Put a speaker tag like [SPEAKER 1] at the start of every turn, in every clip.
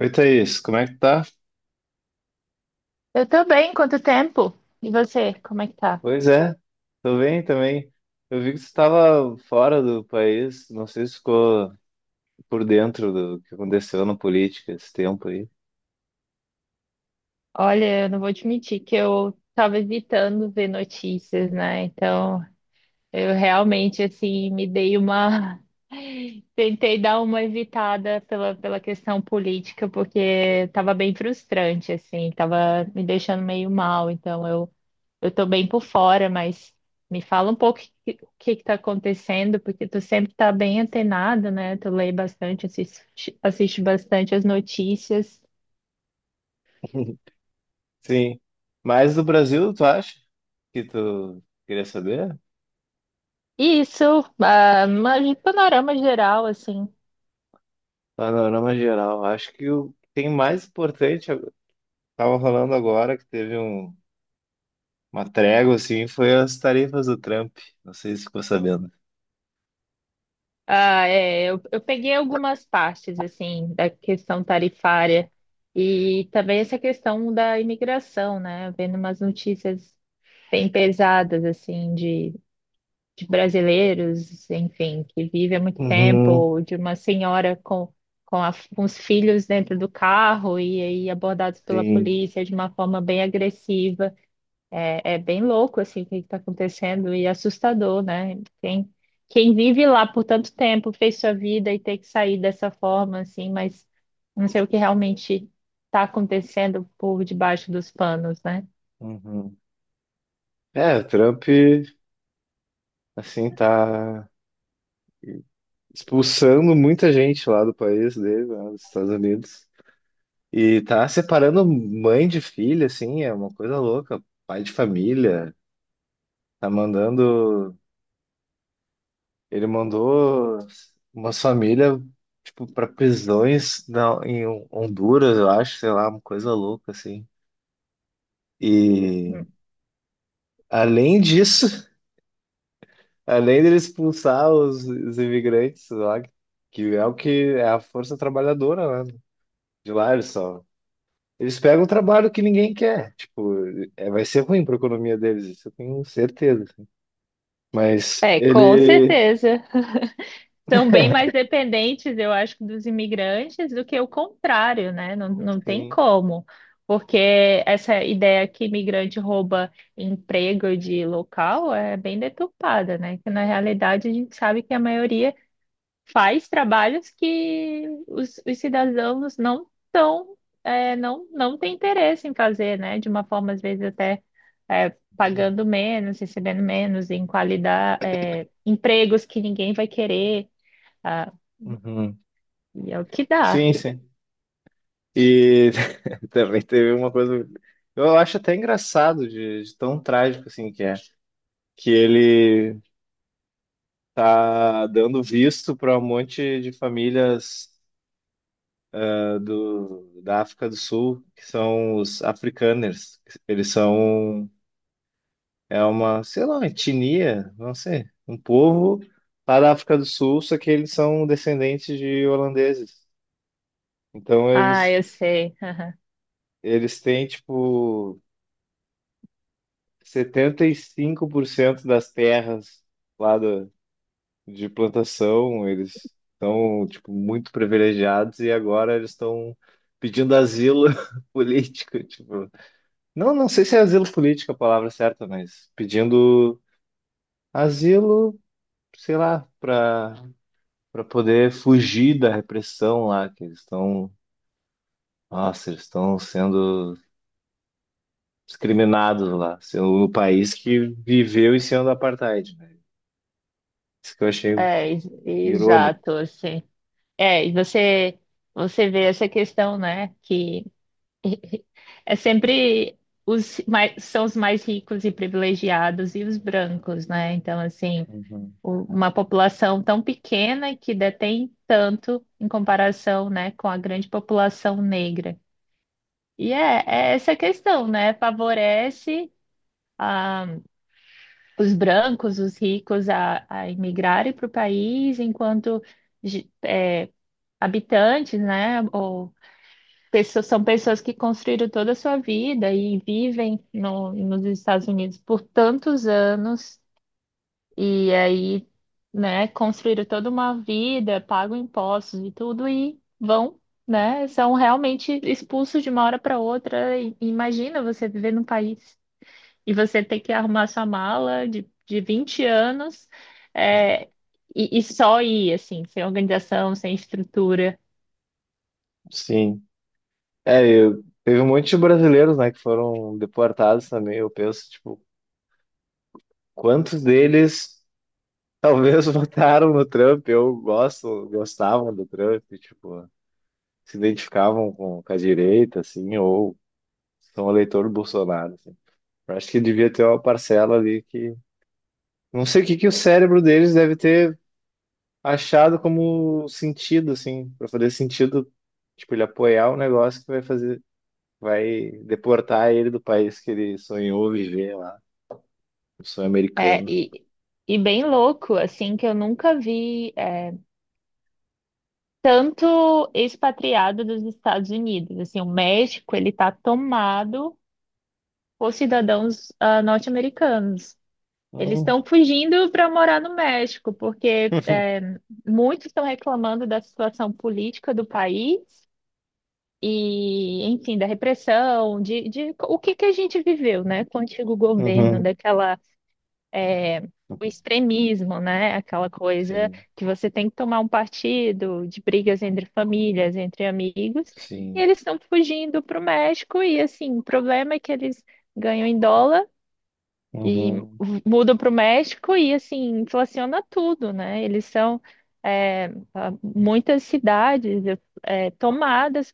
[SPEAKER 1] Oi, Thaís, como é que tá?
[SPEAKER 2] Eu tô bem, quanto tempo? E você, como é que tá?
[SPEAKER 1] Pois é, tô bem também. Eu vi que você estava fora do país, não sei se ficou por dentro do que aconteceu na política esse tempo aí.
[SPEAKER 2] Olha, eu não vou admitir que eu tava evitando ver notícias, né? Então, eu realmente, assim, me dei uma. Tentei dar uma evitada pela questão política, porque tava bem frustrante, assim, tava me deixando meio mal. Então, eu tô bem por fora, mas me fala um pouco o que que tá acontecendo, porque tu sempre tá bem antenado, né? Tu lê bastante, assiste bastante as notícias.
[SPEAKER 1] Sim, mas do Brasil, tu acha que tu queria saber?
[SPEAKER 2] Isso, ah, mas de panorama geral, assim.
[SPEAKER 1] Panorama geral, acho que o que tem mais importante, eu tava falando agora que uma trégua assim, foi as tarifas do Trump, não sei se ficou sabendo.
[SPEAKER 2] Ah, é, eu peguei algumas partes, assim, da questão tarifária e também essa questão da imigração, né? Vendo umas notícias bem pesadas, assim, de brasileiros, enfim, que vivem há muito tempo,
[SPEAKER 1] Uhum,
[SPEAKER 2] ou de uma senhora com os filhos dentro do carro e aí abordados pela
[SPEAKER 1] sim.
[SPEAKER 2] polícia de uma forma bem agressiva. É, é bem louco assim o que está acontecendo e assustador, né? Quem, quem vive lá por tanto tempo, fez sua vida e tem que sair dessa forma assim, mas não sei o que realmente está acontecendo por debaixo dos panos, né?
[SPEAKER 1] Uhum. É, o Trump. Assim, tá expulsando muita gente lá do país dele, lá dos Estados Unidos. E tá separando mãe de filha, assim, é uma coisa louca. Pai de família, tá mandando. Ele mandou umas famílias, tipo, pra prisões em Honduras, eu acho, sei lá, uma coisa louca, assim. E
[SPEAKER 2] Hum.
[SPEAKER 1] além disso, além dele expulsar os imigrantes lá, que é o que é a força trabalhadora, né? De lá, eles só eles pegam o trabalho que ninguém quer. Tipo, é, vai ser ruim para a economia deles, isso eu tenho certeza, assim. Mas
[SPEAKER 2] É, com
[SPEAKER 1] ele.
[SPEAKER 2] certeza. São bem mais dependentes, eu acho, dos imigrantes do que o contrário, né? Não tem
[SPEAKER 1] Sim.
[SPEAKER 2] como, porque essa ideia que imigrante rouba emprego de local é bem deturpada, né? Que na realidade a gente sabe que a maioria faz trabalhos que os cidadãos não tão, não têm interesse em fazer, né? De uma forma, às vezes, até pagando menos, recebendo menos em qualidade, empregos que ninguém vai querer.
[SPEAKER 1] Uhum.
[SPEAKER 2] E é o que dá.
[SPEAKER 1] Sim, sim. E também teve uma coisa. Eu acho até engraçado de tão trágico assim que é. Que ele tá dando visto para um monte de famílias da África do Sul, que são os africaners. Eles são é uma, sei lá, uma etnia, não sei, um povo lá da África do Sul, só que eles são descendentes de holandeses. Então
[SPEAKER 2] Ah,
[SPEAKER 1] eles
[SPEAKER 2] eu sei. Aham.
[SPEAKER 1] eles têm tipo 75% das terras lá de plantação, eles estão tipo muito privilegiados e agora eles estão pedindo asilo político, tipo. Não, não sei se é asilo político é a palavra certa, mas pedindo asilo sei lá, para poder fugir da repressão lá, que eles estão, nossa, eles estão sendo discriminados lá, sendo o país que viveu em cima do apartheid, né? Isso que eu achei
[SPEAKER 2] É, ex-
[SPEAKER 1] irônico.
[SPEAKER 2] exato, assim. É, e você vê essa questão, né? Que é sempre são os mais ricos e privilegiados e os brancos, né? Então, assim,
[SPEAKER 1] Uhum.
[SPEAKER 2] uma população tão pequena que detém tanto em comparação, né, com a grande população negra. E é essa questão, né? Favorece os brancos, os ricos a imigrarem para o país, enquanto ge- é, habitantes, né, ou pessoas, são pessoas que construíram toda a sua vida e vivem no, nos Estados Unidos por tantos anos e aí, né, construíram toda uma vida, pagam impostos e tudo e vão. Né? São realmente expulsos de uma hora para outra. Imagina você viver num país e você ter que arrumar sua mala de 20 anos, é, e só ir, assim, sem organização, sem estrutura.
[SPEAKER 1] Sim. É, eu, teve um monte de brasileiros, né, que foram deportados também. Eu penso, tipo, quantos deles talvez votaram no Trump ou gosto gostavam do Trump, tipo, se identificavam com a direita, assim, ou são eleitor do Bolsonaro, assim. Eu acho que devia ter uma parcela ali que. Não sei o que que o cérebro deles deve ter achado como sentido, assim, para fazer sentido, tipo, ele apoiar o negócio que vai fazer, vai deportar ele do país que ele sonhou viver lá, o sonho
[SPEAKER 2] É,
[SPEAKER 1] americano.
[SPEAKER 2] e bem louco, assim, que eu nunca vi tanto expatriado dos Estados Unidos. Assim, o México, ele tá tomado por cidadãos norte-americanos. Eles
[SPEAKER 1] Hum.
[SPEAKER 2] estão fugindo para morar no México, porque muitos estão reclamando da situação política do país e, enfim, da repressão, de o que que a gente viveu, né, com o antigo governo,
[SPEAKER 1] Uhum.
[SPEAKER 2] daquela, é, o extremismo, né, aquela coisa
[SPEAKER 1] Sim,
[SPEAKER 2] que você tem que tomar um partido, de brigas entre famílias, entre amigos, e
[SPEAKER 1] sim.
[SPEAKER 2] eles estão fugindo para o México, e assim, o problema é que eles ganham em dólar e
[SPEAKER 1] Uhum.
[SPEAKER 2] mudam para o México e assim, inflaciona tudo, né, eles são. é, Muitas cidades tomadas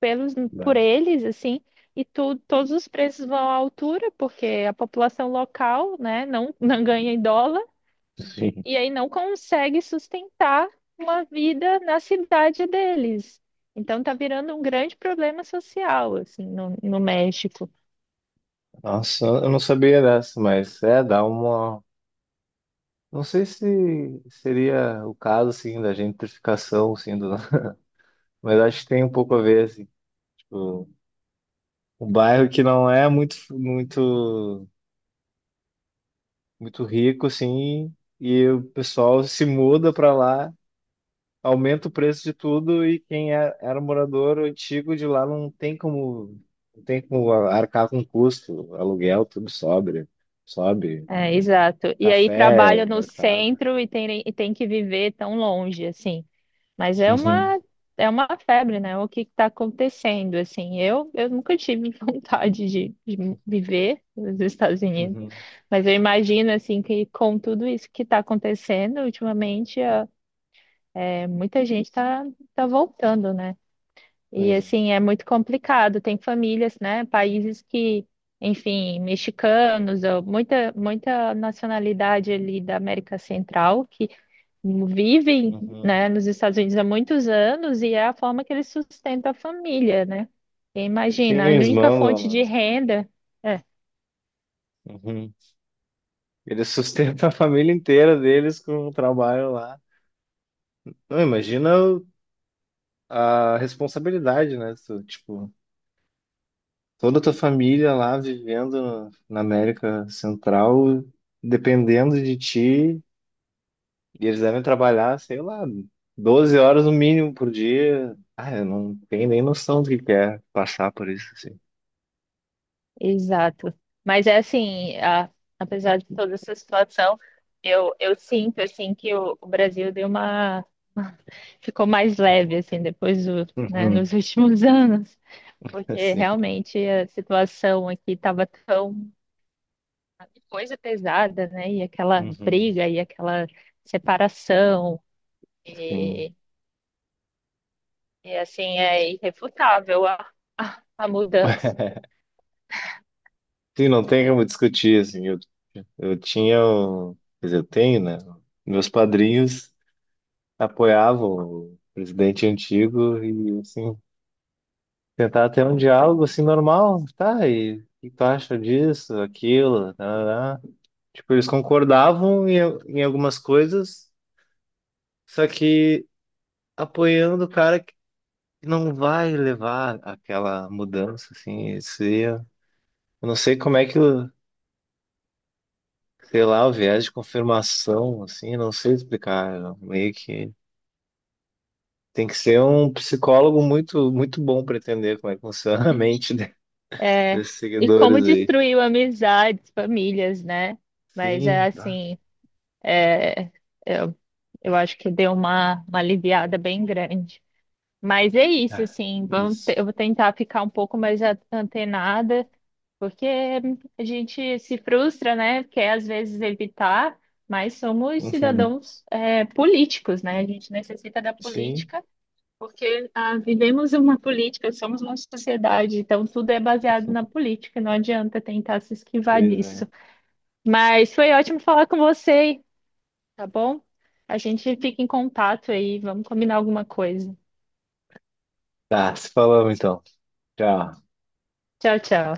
[SPEAKER 2] pelos por
[SPEAKER 1] Dá.
[SPEAKER 2] eles, assim, e tu, todos os preços vão à altura, porque a população local, né, não, não ganha em dólar,
[SPEAKER 1] Sim.
[SPEAKER 2] e aí não consegue sustentar uma vida na cidade deles. Então tá virando um grande problema social, assim, no México.
[SPEAKER 1] Nossa, eu não sabia dessa, mas é, dá uma. Não sei se seria o caso, assim, da gentrificação, assim, do. Mas acho que tem um pouco a ver, assim, tipo, um bairro que não é muito rico, assim, e o pessoal se muda para lá, aumenta o preço de tudo, e quem era morador antigo de lá não tem como, não tem como arcar com custo, aluguel, tudo sobe,
[SPEAKER 2] É, exato. E aí
[SPEAKER 1] café,
[SPEAKER 2] trabalha no
[SPEAKER 1] mercado.
[SPEAKER 2] centro e e tem que viver tão longe, assim. Mas é
[SPEAKER 1] Uhum,
[SPEAKER 2] uma febre, né? O que está acontecendo? Assim, eu nunca tive vontade de viver nos Estados Unidos,
[SPEAKER 1] uhum,
[SPEAKER 2] mas eu imagino assim que com tudo isso que está acontecendo ultimamente, muita gente está tá tá voltando, né? E
[SPEAKER 1] pois é.
[SPEAKER 2] assim é muito complicado. Tem famílias, né? Países que, enfim, mexicanos ou muita nacionalidade ali da América Central vivem,
[SPEAKER 1] Uhum.
[SPEAKER 2] né, nos Estados Unidos há muitos anos e é a forma que eles sustentam a família, né? E
[SPEAKER 1] Sim,
[SPEAKER 2] imagina, a
[SPEAKER 1] eles
[SPEAKER 2] única
[SPEAKER 1] mandam
[SPEAKER 2] fonte de
[SPEAKER 1] lá.
[SPEAKER 2] renda. É,
[SPEAKER 1] Uhum. Eles sustentam a família inteira deles com o trabalho lá. Não, imagina a responsabilidade, né? Tu, tipo, toda a tua família lá vivendo na América Central, dependendo de ti, e eles devem trabalhar, sei lá, 12 horas no mínimo por dia. Ah, eu não tenho nem noção do que é passar por isso, assim.
[SPEAKER 2] exato. Mas é assim, apesar de toda essa situação, eu sinto assim que o Brasil deu uma ficou mais leve assim depois do, né,
[SPEAKER 1] Uhum,
[SPEAKER 2] nos últimos anos, porque
[SPEAKER 1] assim,
[SPEAKER 2] realmente a situação aqui estava tão coisa pesada, né? E aquela
[SPEAKER 1] uhum,
[SPEAKER 2] briga e aquela separação.
[SPEAKER 1] sim.
[SPEAKER 2] E, e, assim é irrefutável a mudança.
[SPEAKER 1] Sim, não tem como discutir, assim, eu tinha, o- quer dizer, eu tenho, né? Meus padrinhos apoiava o presidente antigo e assim tentar ter um diálogo assim normal, tá? E o que tu acha disso, aquilo, tá. Tipo, eles concordavam em algumas coisas, só que apoiando o cara que não vai levar aquela mudança assim, eu não sei como é que, sei lá, o viés de confirmação assim, não sei explicar, eu meio que. Tem que ser um psicólogo muito, muito bom para entender como é que funciona a mente
[SPEAKER 2] É,
[SPEAKER 1] desses
[SPEAKER 2] e como
[SPEAKER 1] seguidores aí.
[SPEAKER 2] destruiu amizades, famílias, né? Mas é
[SPEAKER 1] Sim, tá.
[SPEAKER 2] assim, eu, eu acho que deu uma aliviada bem grande. Mas é isso,
[SPEAKER 1] Ah,
[SPEAKER 2] assim,
[SPEAKER 1] isso.
[SPEAKER 2] eu vou tentar ficar um pouco mais antenada, porque a gente se frustra, né? Quer às vezes evitar, mas somos
[SPEAKER 1] Uhum.
[SPEAKER 2] cidadãos, políticos, né? A gente necessita da
[SPEAKER 1] Sim,
[SPEAKER 2] política. Porque vivemos uma política, somos uma sociedade, então tudo é baseado na política, não adianta tentar se esquivar
[SPEAKER 1] pois é.
[SPEAKER 2] disso. Mas foi ótimo falar com você, tá bom? A gente fica em contato aí, vamos combinar alguma coisa.
[SPEAKER 1] Tá, se falamos então. Tchau.
[SPEAKER 2] Tchau, tchau.